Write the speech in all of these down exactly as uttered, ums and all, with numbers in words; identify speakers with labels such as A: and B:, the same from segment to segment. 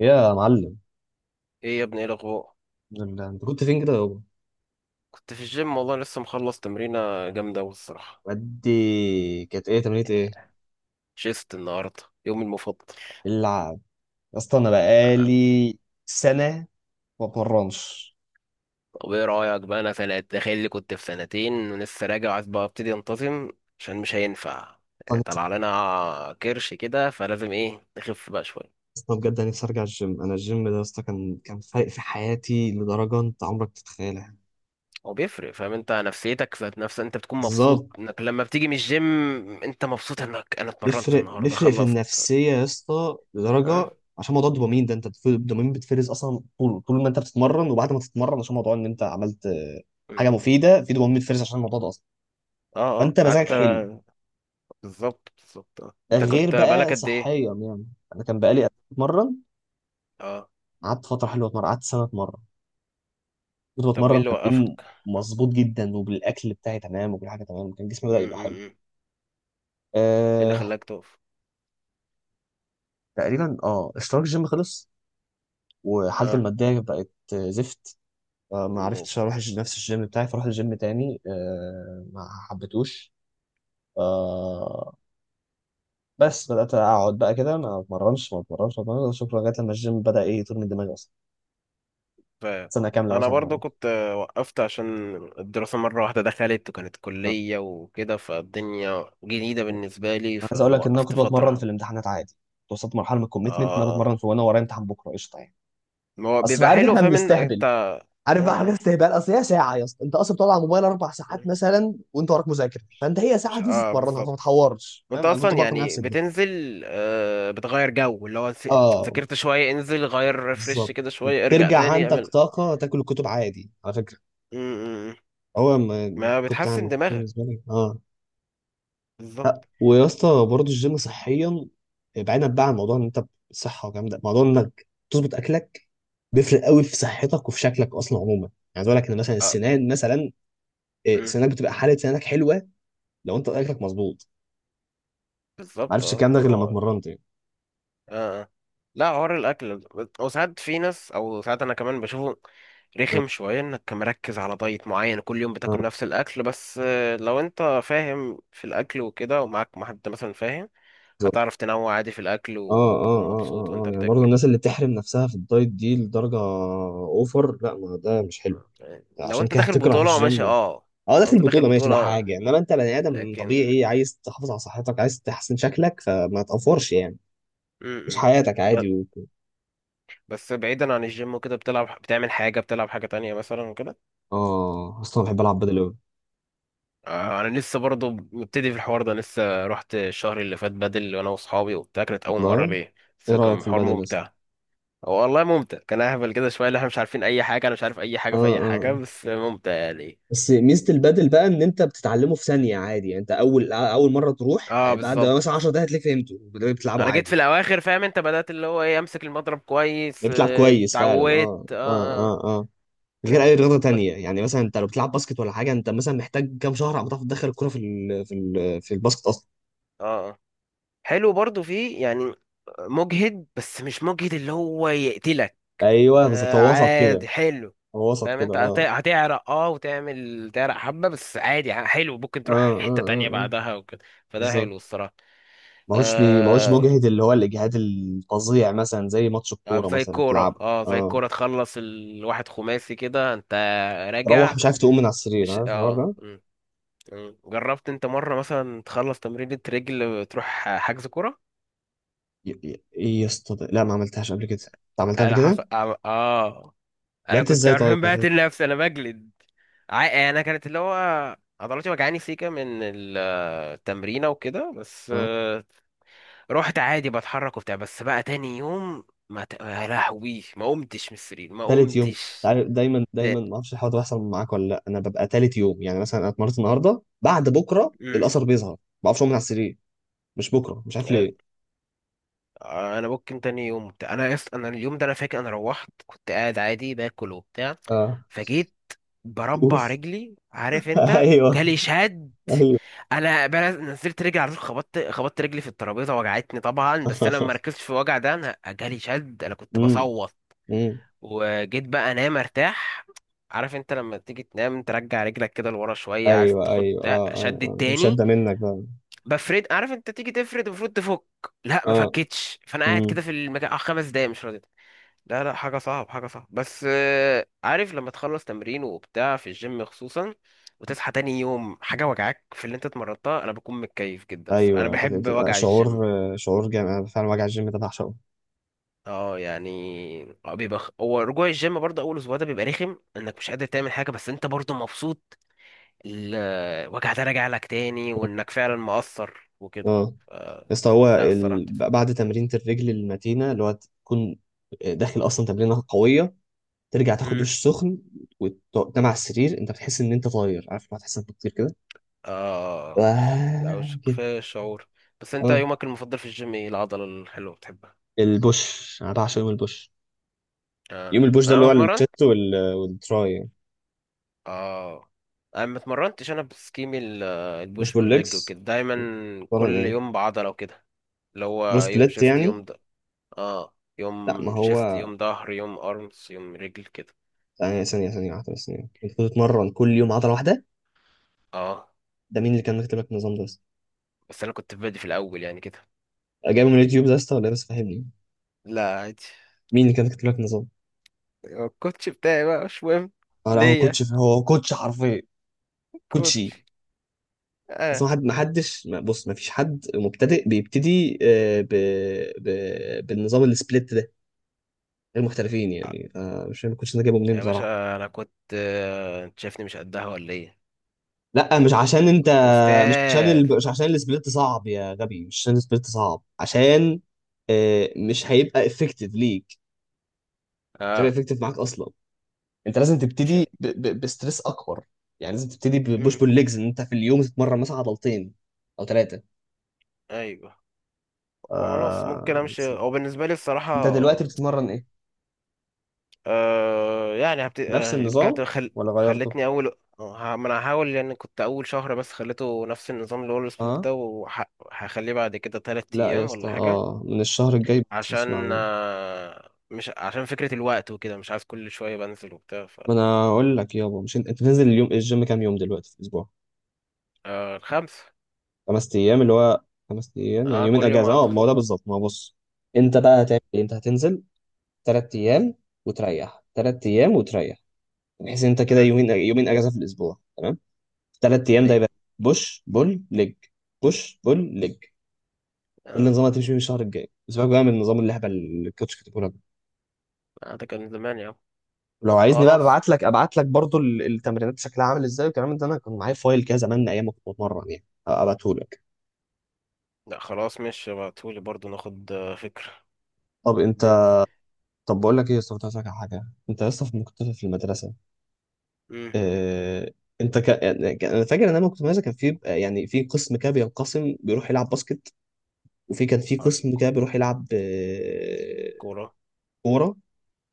A: يا معلم.
B: ايه يا ابني؟ ايه الاخبار؟
A: ال- انت كنت فين كده يابا؟
B: كنت في الجيم والله، لسه مخلص تمرينه جامده أوي الصراحه.
A: ودي كانت ايه؟ تمرينة ايه؟
B: شيست النهارده، يومي المفضل.
A: اللعب. يا اسطى انا
B: آه،
A: بقالي سنه ما بتمرنش.
B: طب ايه رايك بقى؟ انا في تخيل اللي كنت في سنتين ولسه راجع، عايز بقى ابتدي انتظم عشان مش هينفع. آه،
A: أنا نفسي-
B: طلع لنا كرش كده، فلازم ايه نخف بقى شويه.
A: اصلا بجد انا نفسي ارجع الجيم. انا الجيم ده يا اسطى كان كان فارق في حياتي لدرجه انت عمرك تتخيلها.
B: هو بيفرق، فاهم؟ انت نفسيتك ذات نفسها، انت بتكون مبسوط
A: بالظبط.
B: انك لما بتيجي من الجيم. انت مبسوط انك انا اتمرنت
A: بيفرق
B: النهارده
A: بيفرق في
B: خلصت.
A: النفسيه يا اسطى
B: اه.
A: لدرجه عشان موضوع الدوبامين ده. انت بتف- الدوبامين بتفرز اصلا طول طول ما انت بتتمرن وبعد ما تتمرن، عشان موضوع ان انت عملت آه، حاجه
B: اه.
A: مفيده، في دوبامين بتفرز عشان الموضوع ده اصلا،
B: اه
A: فانت مزاجك حلو،
B: حتى. بالظبط بالظبط. آه. انت
A: غير
B: كنت بقالك
A: بقى
B: قد ايه؟
A: صحيا يعني. انا كان
B: مم.
A: بقالي قبل ما اتمرن،
B: اه.
A: قعدت فتره حلوه اتمرن، قعدت سنه اتمرن، كنت
B: طب وايه
A: بتمرن
B: اللي
A: تمرين
B: وقفك؟
A: مظبوط جدا، وبالاكل بتاعي تمام، وكل حاجه تمام، كان جسمي
B: م-
A: بدا
B: م-
A: يبقى
B: م.
A: حلو.
B: ايه اللي
A: أه.
B: خلاك تقف؟
A: تقريبا اه اشتراك الجيم خلص، وحالتي
B: اه
A: الماديه بقت آه، زفت. آه، ما عرفتش
B: الناس.
A: اروح الج- نفس الجيم بتاعي. فرحت الجيم تاني أه، ما حبيتهوش. أه، بس بدات اقعد بقى كده ما اتمرنش ما اتمرنش ما اتمرنش شكرا، لغايه لما الجيم بدا ايه يطير من دماغي اصلا.
B: فاهم.
A: سنه
B: آه.
A: كامله
B: انا
A: مثلا ما
B: برضو
A: اتمرنش.
B: كنت آه، وقفت عشان الدراسة، مرة واحدة دخلت وكانت كلية وكده، فالدنيا جديدة بالنسبة لي
A: عايز اقول لك ان انا
B: فوقفت
A: كنت
B: فترة
A: بتمرن في
B: حب.
A: الامتحانات عادي. كنت وصلت مرحله من
B: اه.
A: الكوميتمنت ان انا
B: اه،
A: بتمرن في، وانا ورايا امتحان بكره، قشطه يعني.
B: ما هو
A: اصل
B: بيبقى
A: عارف
B: حلو.
A: احنا
B: فاهم ان انت
A: بنستهبل،
B: اه.
A: عارف بقى حاجات
B: اه
A: استهبال. اصل هي ساعه يا اسطى، انت اصلا بتقعد على الموبايل اربع ساعات مثلا وانت وراك مذاكره، فانت هي ساعه
B: مش
A: تنزل
B: اه،
A: تتمرنها فما
B: بالظبط.
A: تحورش،
B: وانت
A: فاهم؟ انا كنت
B: اصلا
A: بقنع
B: يعني
A: نفسي بده.
B: بتنزل، آه، بتغير جو، اللي هو س-
A: اه
B: ذاكرت شوية انزل غير، ريفرش
A: بالظبط.
B: كده شوية، ارجع
A: وبترجع
B: تاني
A: عندك
B: اعمل.
A: طاقه تاكل الكتب عادي على فكره.
B: م- م- م.
A: هو ما ما
B: ما
A: كنت
B: بتحسن
A: عامل، كنت
B: دماغك.
A: بالنسبه لي اه.
B: بالظبط.
A: ويا اسطى برضه الجيم صحيا، بعيدا بقى عن موضوع ان انت صحه والكلام ده، موضوع انك تظبط اكلك بيفرق قوي في صحتك وفي شكلك اصلا عموما يعني. عايز اقول لك ان مثلا السنان مثلا، إيه،
B: مم.
A: سنانك بتبقى حاله، سنانك حلوه لو انت اكلك مظبوط. ما
B: بالظبط.
A: عرفتش
B: اه
A: الكلام ده
B: ما
A: غير لما
B: هو اه.
A: اتمرنت يعني.
B: آه. لا، حوار الاكل. وساعات في ناس، او ساعات انا كمان بشوفه
A: اه
B: رخم شويه، انك مركز على دايت معين كل يوم
A: اه
B: بتاكل نفس الاكل. بس آه، لو انت فاهم في الاكل وكده، ومعاك مع حد مثلا، فاهم
A: بالظبط.
B: هتعرف تنوع عادي في الاكل
A: اه اه
B: وتكون
A: اه
B: مبسوط
A: اه
B: وانت
A: آه. يعني برضه
B: بتاكل.
A: الناس اللي بتحرم نفسها في الدايت دي لدرجه اوفر، لا، ما ده مش حلو.
B: يعني لو
A: عشان
B: انت
A: كده
B: داخل
A: هتكره
B: بطوله
A: الجيم.
B: ماشي اه.
A: اه
B: لو
A: داخل
B: انت داخل
A: بطولة ماشي، ده
B: بطوله،
A: حاجة، انما انت بني ادم
B: لكن
A: طبيعي عايز تحافظ على صحتك، عايز تحسن شكلك، فما تقفرش يعني.
B: م
A: عيش
B: -م.
A: حياتك
B: ب-
A: عادي و...
B: بس بعيدا عن الجيم وكده، بتلعب، بتعمل حاجه، بتلعب حاجه تانية مثلا وكده.
A: اه. اصلا بحب العب بدل اوي.
B: آه، انا لسه برضه مبتدي في الحوار ده، لسه رحت الشهر اللي فات بدل وانا واصحابي وبتاع، كانت اول مره
A: والله؟
B: ليه. بس
A: ايه رأيك
B: كان
A: في
B: حوار
A: البدل اصلا؟
B: ممتع. هو والله ممتع، كان اهبل كده شويه اللي احنا مش عارفين اي حاجه، انا مش عارف اي
A: اه
B: حاجه في اي
A: اه
B: حاجه،
A: آه.
B: بس ممتع يعني.
A: بس ميزة البدل بقى ان انت بتتعلمه في ثانية عادي. يعني انت اول اول مرة تروح
B: اه
A: بعد
B: بالظبط.
A: مثلا عشر دقايق هتلاقيك فهمته بتلعبه
B: انا جيت في
A: عادي.
B: الاواخر، فاهم انت، بدات اللي هو ايه، امسك المضرب كويس
A: بتلعب
B: آه،
A: كويس فعلا
B: اتعودت
A: اه اه
B: اه. اه
A: اه اه. غير
B: حلو.
A: اي رياضه
B: ب-
A: تانية يعني، مثلا انت لو بتلعب باسكت ولا حاجه، انت مثلا محتاج كام شهر عم تعرف تدخل الكره في ال في ال في الباسكت اصلا.
B: اه. آه. حلو برضه فيه يعني. مجهد بس مش مجهد اللي هو يقتلك.
A: ايوه بالظبط،
B: آه،
A: هو وسط كده.
B: عادي حلو.
A: هو وسط
B: فاهم
A: كده
B: انت هت-
A: اه.
B: هتعرق اه وتعمل تعرق حبة بس، عادي، ح- حلو ممكن
A: اه
B: تروح
A: اه
B: حتة تانية
A: اه آه.
B: بعدها وكده. فده
A: بالظبط.
B: حلو الصراحة.
A: ماهوش بي... ماهوش
B: آه.
A: مجهد، اللي هو الاجهاد الفظيع مثلا زي ماتش
B: آه،
A: الكوره
B: زي
A: مثلا
B: الكورة،
A: تلعبه.
B: اه زي
A: اه
B: الكورة تخلص الواحد خماسي كده، انت
A: تروح
B: راجع،
A: مش عارف تقوم من على السرير،
B: مش
A: عارف الحوار
B: اه،
A: ده؟
B: مم، مم. جربت انت مرة مثلا تخلص تمرينة رجل تروح حجز كورة؟
A: ي- ي- ايه يا اسطى ده؟ لا ما عملتهاش قبل كده. انت عملتها قبل
B: انا حف...
A: كده؟
B: اه. آه. انا
A: لعبت
B: كنت
A: ازاي طيب؟
B: عارفين بقتل نفسي، انا بجلد. عا- انا كانت اللي هو عضلاتي وجعاني سيكا من ال- التمرينة وكده. بس
A: اه.
B: رحت عادي بتحرك وبتاع، بس بقى تاني يوم ما ت... يا لهوي، ما قمتش من السرير، ما
A: تالت يوم.
B: قمتش
A: عارف دايما دايما
B: تاني.
A: ما اعرفش الحوار ده بيحصل معاك ولا لا؟ انا ببقى تالت يوم، يعني مثلا انا اتمرنت النهارده بعد بكره
B: مم.
A: الاثر بيظهر، ما بعرفش اقوم من على السرير، مش بكره، مش عارف ليه.
B: انا ممكن تاني يوم وبتاع، انا يس... انا اليوم ده، انا فاكر انا روحت كنت قاعد عادي باكل وبتاع،
A: اه.
B: فجيت
A: اوف.
B: بربع رجلي، عارف انت،
A: ايوه.
B: جالي شد.
A: ايوه.
B: انا بل- نزلت رجلي على طول، خبطت خبطت رجلي في الترابيزه، وجعتني طبعا، بس انا ما ركزتش في الوجع ده، انا جالي شد، انا كنت
A: امم
B: بصوت.
A: امم
B: وجيت بقى انام ارتاح، عارف انت لما تيجي تنام ترجع رجلك كده لورا شويه، عايز
A: ايوه.
B: تاخد
A: ايوه
B: ده،
A: اه اه
B: شد
A: اه، مش قد
B: التاني.
A: منك بقى.
B: بفرد، عارف انت تيجي تفرد المفروض تفك، لا، ما
A: اه.
B: فكتش. فانا قاعد كده
A: امم
B: في المكان اه خمس دقايق مش راضي. لا، لا حاجه صعب، حاجه صعب. بس آه، عارف لما تخلص تمرين وبتاع في الجيم خصوصا، وتصحى تاني يوم حاجه وجعاك في اللي انت اتمرنتها، انا بكون متكيف جدا الصراحة. انا
A: ايوه. بت-
B: بحب
A: بتبقى
B: وجع الجيم.
A: شعور، آه، شعور جامد، انا فعلا وجع الجيم ده بعشقه.
B: اه، يعني اه بيبقى خ- هو رجوع الجيم برضه اول اسبوع ده بيبقى رخم انك مش قادر تعمل حاجه، بس انت برضه مبسوط الوجع ده راجع لك تاني
A: اه
B: وانك فعلا مقصر وكده.
A: آه.
B: ف...
A: يا اسطى هو
B: لا الصراحه.
A: ال... بعد تمرينة الرجل المتينة، اللي هو تكون داخل اصلا تمرينة قوية، ترجع تاخد
B: امم.
A: دش سخن وتنام على السرير، انت بتحس ان انت طاير، عارف لما تحس انك بتطير كده؟
B: اه. لا،
A: آه
B: وش
A: كده.
B: كفايه شعور. بس انت
A: اه.
B: يومك المفضل في الجيم ايه العضله الحلوه بتحبها؟
A: البوش، انا بعشق يوم البوش.
B: اه
A: يوم البوش ده اللي
B: انا
A: هو
B: بتمرن.
A: الشيست وال... والتراي.
B: اه انا ما اتمرنتش، انا بسكيم ال-
A: مش
B: البوش والليج
A: بالليجز؟
B: وكده دايما،
A: بتمرن
B: كل
A: ايه؟
B: يوم بعضله وكده. اللي
A: برو
B: هو يوم
A: سبليت
B: شيست
A: يعني؟
B: يوم. اه،
A: لا ما
B: يوم شيفت
A: هو
B: يوم ظهر يوم ارمز يوم رجل كده.
A: ثانية ثانية ثانية واحدة بس ثانية، انت كنت بتتمرن كل يوم عضلة واحدة؟
B: اه
A: ده مين اللي كان مكتب لك النظام ده بس؟
B: بس انا كنت بادي في الاول يعني كده.
A: جايبه من اليوتيوب ده يا اسطى ولا إيه؟ بس فهمني.
B: لا عادي.
A: مين اللي كان مكتب لك النظام؟
B: هو الكوتش بتاعي بقى مش مهم.
A: اه. لا هو
B: ليا
A: كوتش، هو كوتش حرفيا،
B: كوتش
A: كوتشي. بس
B: اه.
A: ما حد، ما حدش، ما بص، ما فيش حد مبتدئ بيبتدي آه، ب... ب... بالنظام السبليت ده غير محترفين يعني. فمش فاهم الكوتش ده جايبه منين
B: يا
A: بصراحة.
B: باشا انا كنت آه، انت شايفني مش قدها ولا ايه؟
A: لا مش عشان انت،
B: كنت
A: مش عشان
B: استاذ.
A: ال... مش عشان السبليت صعب يا غبي، مش عشان السبليت صعب، عشان آه، مش هيبقى افكتيف ليك، مش هيبقى
B: اه
A: افكتيف معاك اصلا. انت لازم
B: مش.
A: تبتدي ب... ب... بستريس اكبر، يعني لازم تبتدي ببوش
B: امم.
A: بول ليجز، ان انت في اليوم تتمرن مثلا عضلتين او ثلاثه.
B: ايوه. خلاص ممكن
A: آه.
B: امشي هو بالنسبه لي الصراحه.
A: انت دلوقتي بتتمرن ايه؟
B: آه يعني هبت...
A: نفس
B: آه رجعت
A: النظام
B: خل...
A: ولا غيرته؟
B: خلتني اول. آه، ه- ما انا هحاول يعني، كنت اول شهر بس خليته نفس النظام اللي هو السبليت
A: اه.
B: ده، وهخليه بعد كده تلات
A: لا يا
B: ايام
A: اسطى،
B: ولا حاجه.
A: اه من الشهر الجاي بس
B: عشان
A: اسمع مني.
B: آه، مش عشان فكره الوقت وكده، مش عايز كل شويه بنزل وبتاع ف.
A: ما انا اقول لك يابا، مش انت، انت نازل اليوم الجيم كام يوم دلوقتي في الاسبوع؟
B: آه الخمس.
A: خمس ايام، اللي هو خمس ايام، يعني
B: اه
A: يومين
B: كل يوم
A: اجازه. اه ما
B: اقدر.
A: هو ده بالظبط. ما هو بص، انت بقى هتعمل ايه؟ انت هتنزل ثلاث ايام وتريح، ثلاث ايام وتريح يعني، بحيث انت كده
B: امم.
A: يومين، يومين اجازه في الاسبوع، تمام. ثلاث ايام ده
B: ايوه.
A: يبقى بوش بول ليج، بوش بول ليج. ده
B: اه.
A: النظام اللي هتمشي فيه الشهر الجاي، اسيبك بقى من النظام اللهبل اللي الكوتش كاتبه لك.
B: آه، ده كان زمان يا عم.
A: لو عايزني بقى
B: خلاص.
A: ابعت لك، ابعت لك برضو ال- التمرينات شكلها عامل ازاي والكلام ده، انا كان معايا فايل كده زمان ايام ما كنت بتمرن يعني، ابعته لك.
B: لا خلاص ماشي، ابعتهولي برضو ناخد آه، فكره
A: طب انت
B: الدنيا.
A: طب بقول لك ايه يا اسطى، كنت عايز أسألك على حاجه. انت يا اسطى في- كنت في المدرسه،
B: امم.
A: آه، انت ك... يعني ك- انا فاكر ان انا لما كنت مدرسه كان في بقى- يعني في قسم كده بينقسم بيروح يلعب باسكت، وفي كان في
B: على
A: قسم كده بيروح يلعب آه،
B: الكوره.
A: كوره،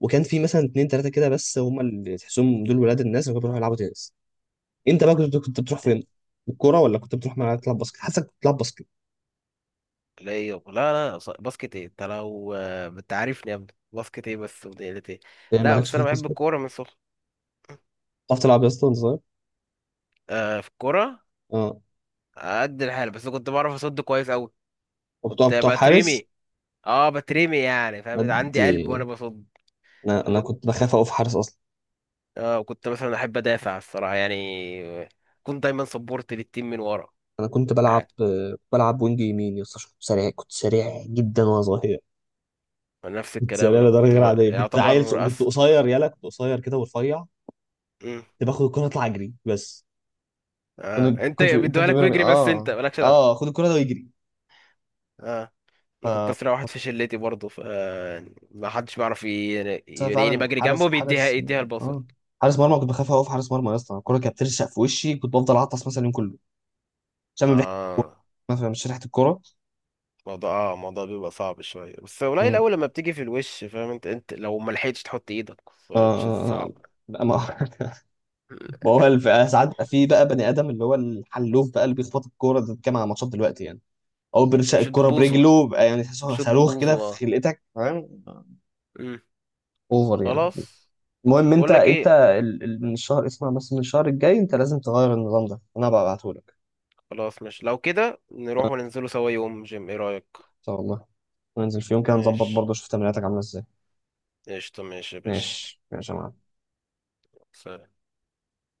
A: وكان في مثلا اتنين تلاته كده بس هم اللي تحسهم دول ولاد الناس اللي كانوا بيروحوا يلعبوا تنس. انت بقى كنت كنت بتروح فين؟ الكوره ولا كنت بتروح ملعب تلعب باسكت؟ حاسسك كنت بتلعب باسكت.
B: بلاي أوف. لا لا، ص- باسكت ايه انت، لو آه، انت عارفني يا ابني، باسكت ايه بس وديلة ايه.
A: ايه
B: لا
A: مالكش
B: بس
A: في
B: انا بحب
A: الباسكت؟
B: الكوره من صغري.
A: بتعرف تلعب يا اسطى وانت صغير؟
B: آه في الكوره
A: اه.
B: قد الحال، بس كنت بعرف اصد كويس قوي.
A: وبتقف
B: كنت
A: بتقف حارس؟
B: بترمي. اه بترمي يعني، فاهم عندي
A: ادي.
B: قلب وانا بصد.
A: انا انا كنت بخاف اقف حارس اصلا.
B: اه كنت مثلا احب ادافع الصراحه يعني. كنت دايما سبورت للتيم من ورا.
A: انا كنت
B: ده
A: بلعب
B: حاجه.
A: كنت بلعب وينج يمين يا اسطى عشان كنت سريع، كنت سريع جدا وانا صغير.
B: نفس
A: كنت
B: الكلام،
A: سريع
B: انا
A: لدرجه
B: كنت
A: غير
B: ب-
A: عاديه، كنت عيل ص-
B: يعتبر
A: كنت
B: أس...
A: قصير يلا، كنت قصير كده ورفيع.
B: مم.
A: كنت باخد الكره اطلع اجري بس.
B: اه
A: كان
B: انت
A: كنت كان
B: بيدوها لك
A: بيقول لي
B: ويجري بس، انت
A: اه،
B: مالكش دعوه.
A: اه خد الكرة ده ويجري.
B: آه. انا كنت
A: ف،
B: اسرع واحد في شلتي برضه ف. ما حدش بيعرف ي-
A: بس انا
B: يلاقيني
A: فعلا
B: بجري
A: حارس
B: جنبه بيديها،
A: حارس
B: يديها الباص.
A: اه حارس مرمى، كنت بخاف اقف حارس مرمى يا اسطى. الكرة كانت بترشق في وشي، كنت بفضل اعطس مثلا اليوم كله عشان من ريحة الكورة،
B: اه
A: مثلا مش ريحة الكرة.
B: الموضوع اه الموضوع بيبقى صعب شويه بس قليل
A: مم.
B: الاول لما بتيجي في الوش، فاهم انت، انت لو ما لحقتش تحط ايدك
A: آه
B: فش-
A: آه
B: صعب.
A: آه. لا ما ما هو الف- ساعات بقى في بقى بني ادم اللي هو الحلوف بقى اللي بيخبط الكوره ده كام على ماتشات دلوقتي يعني، او بيرشق
B: بشوط
A: الكوره
B: ببوظه.
A: برجله بقى يعني تحسه
B: بشوط
A: صاروخ
B: ببوظه
A: كده في
B: اه.
A: خلقتك، فاهم؟
B: مم.
A: اوفر يعني.
B: خلاص.
A: المهم انت،
B: بقول لك
A: انت
B: ايه،
A: ال- ال- من الشهر اسمع بس، من الشهر الجاي انت لازم تغير النظام ده، انا بقى ابعتهولك.
B: خلاص مش لو كده نروح وننزلوا سوا يوم جيم، ايه رايك؟
A: ان شاء الله. وننزل في يوم كده نظبط
B: ماشي
A: برضه، شوف تمريناتك عامله ازاي.
B: قشطه ماشي يا باشا.
A: ماشي ماشي يا معلم.
B: سلام.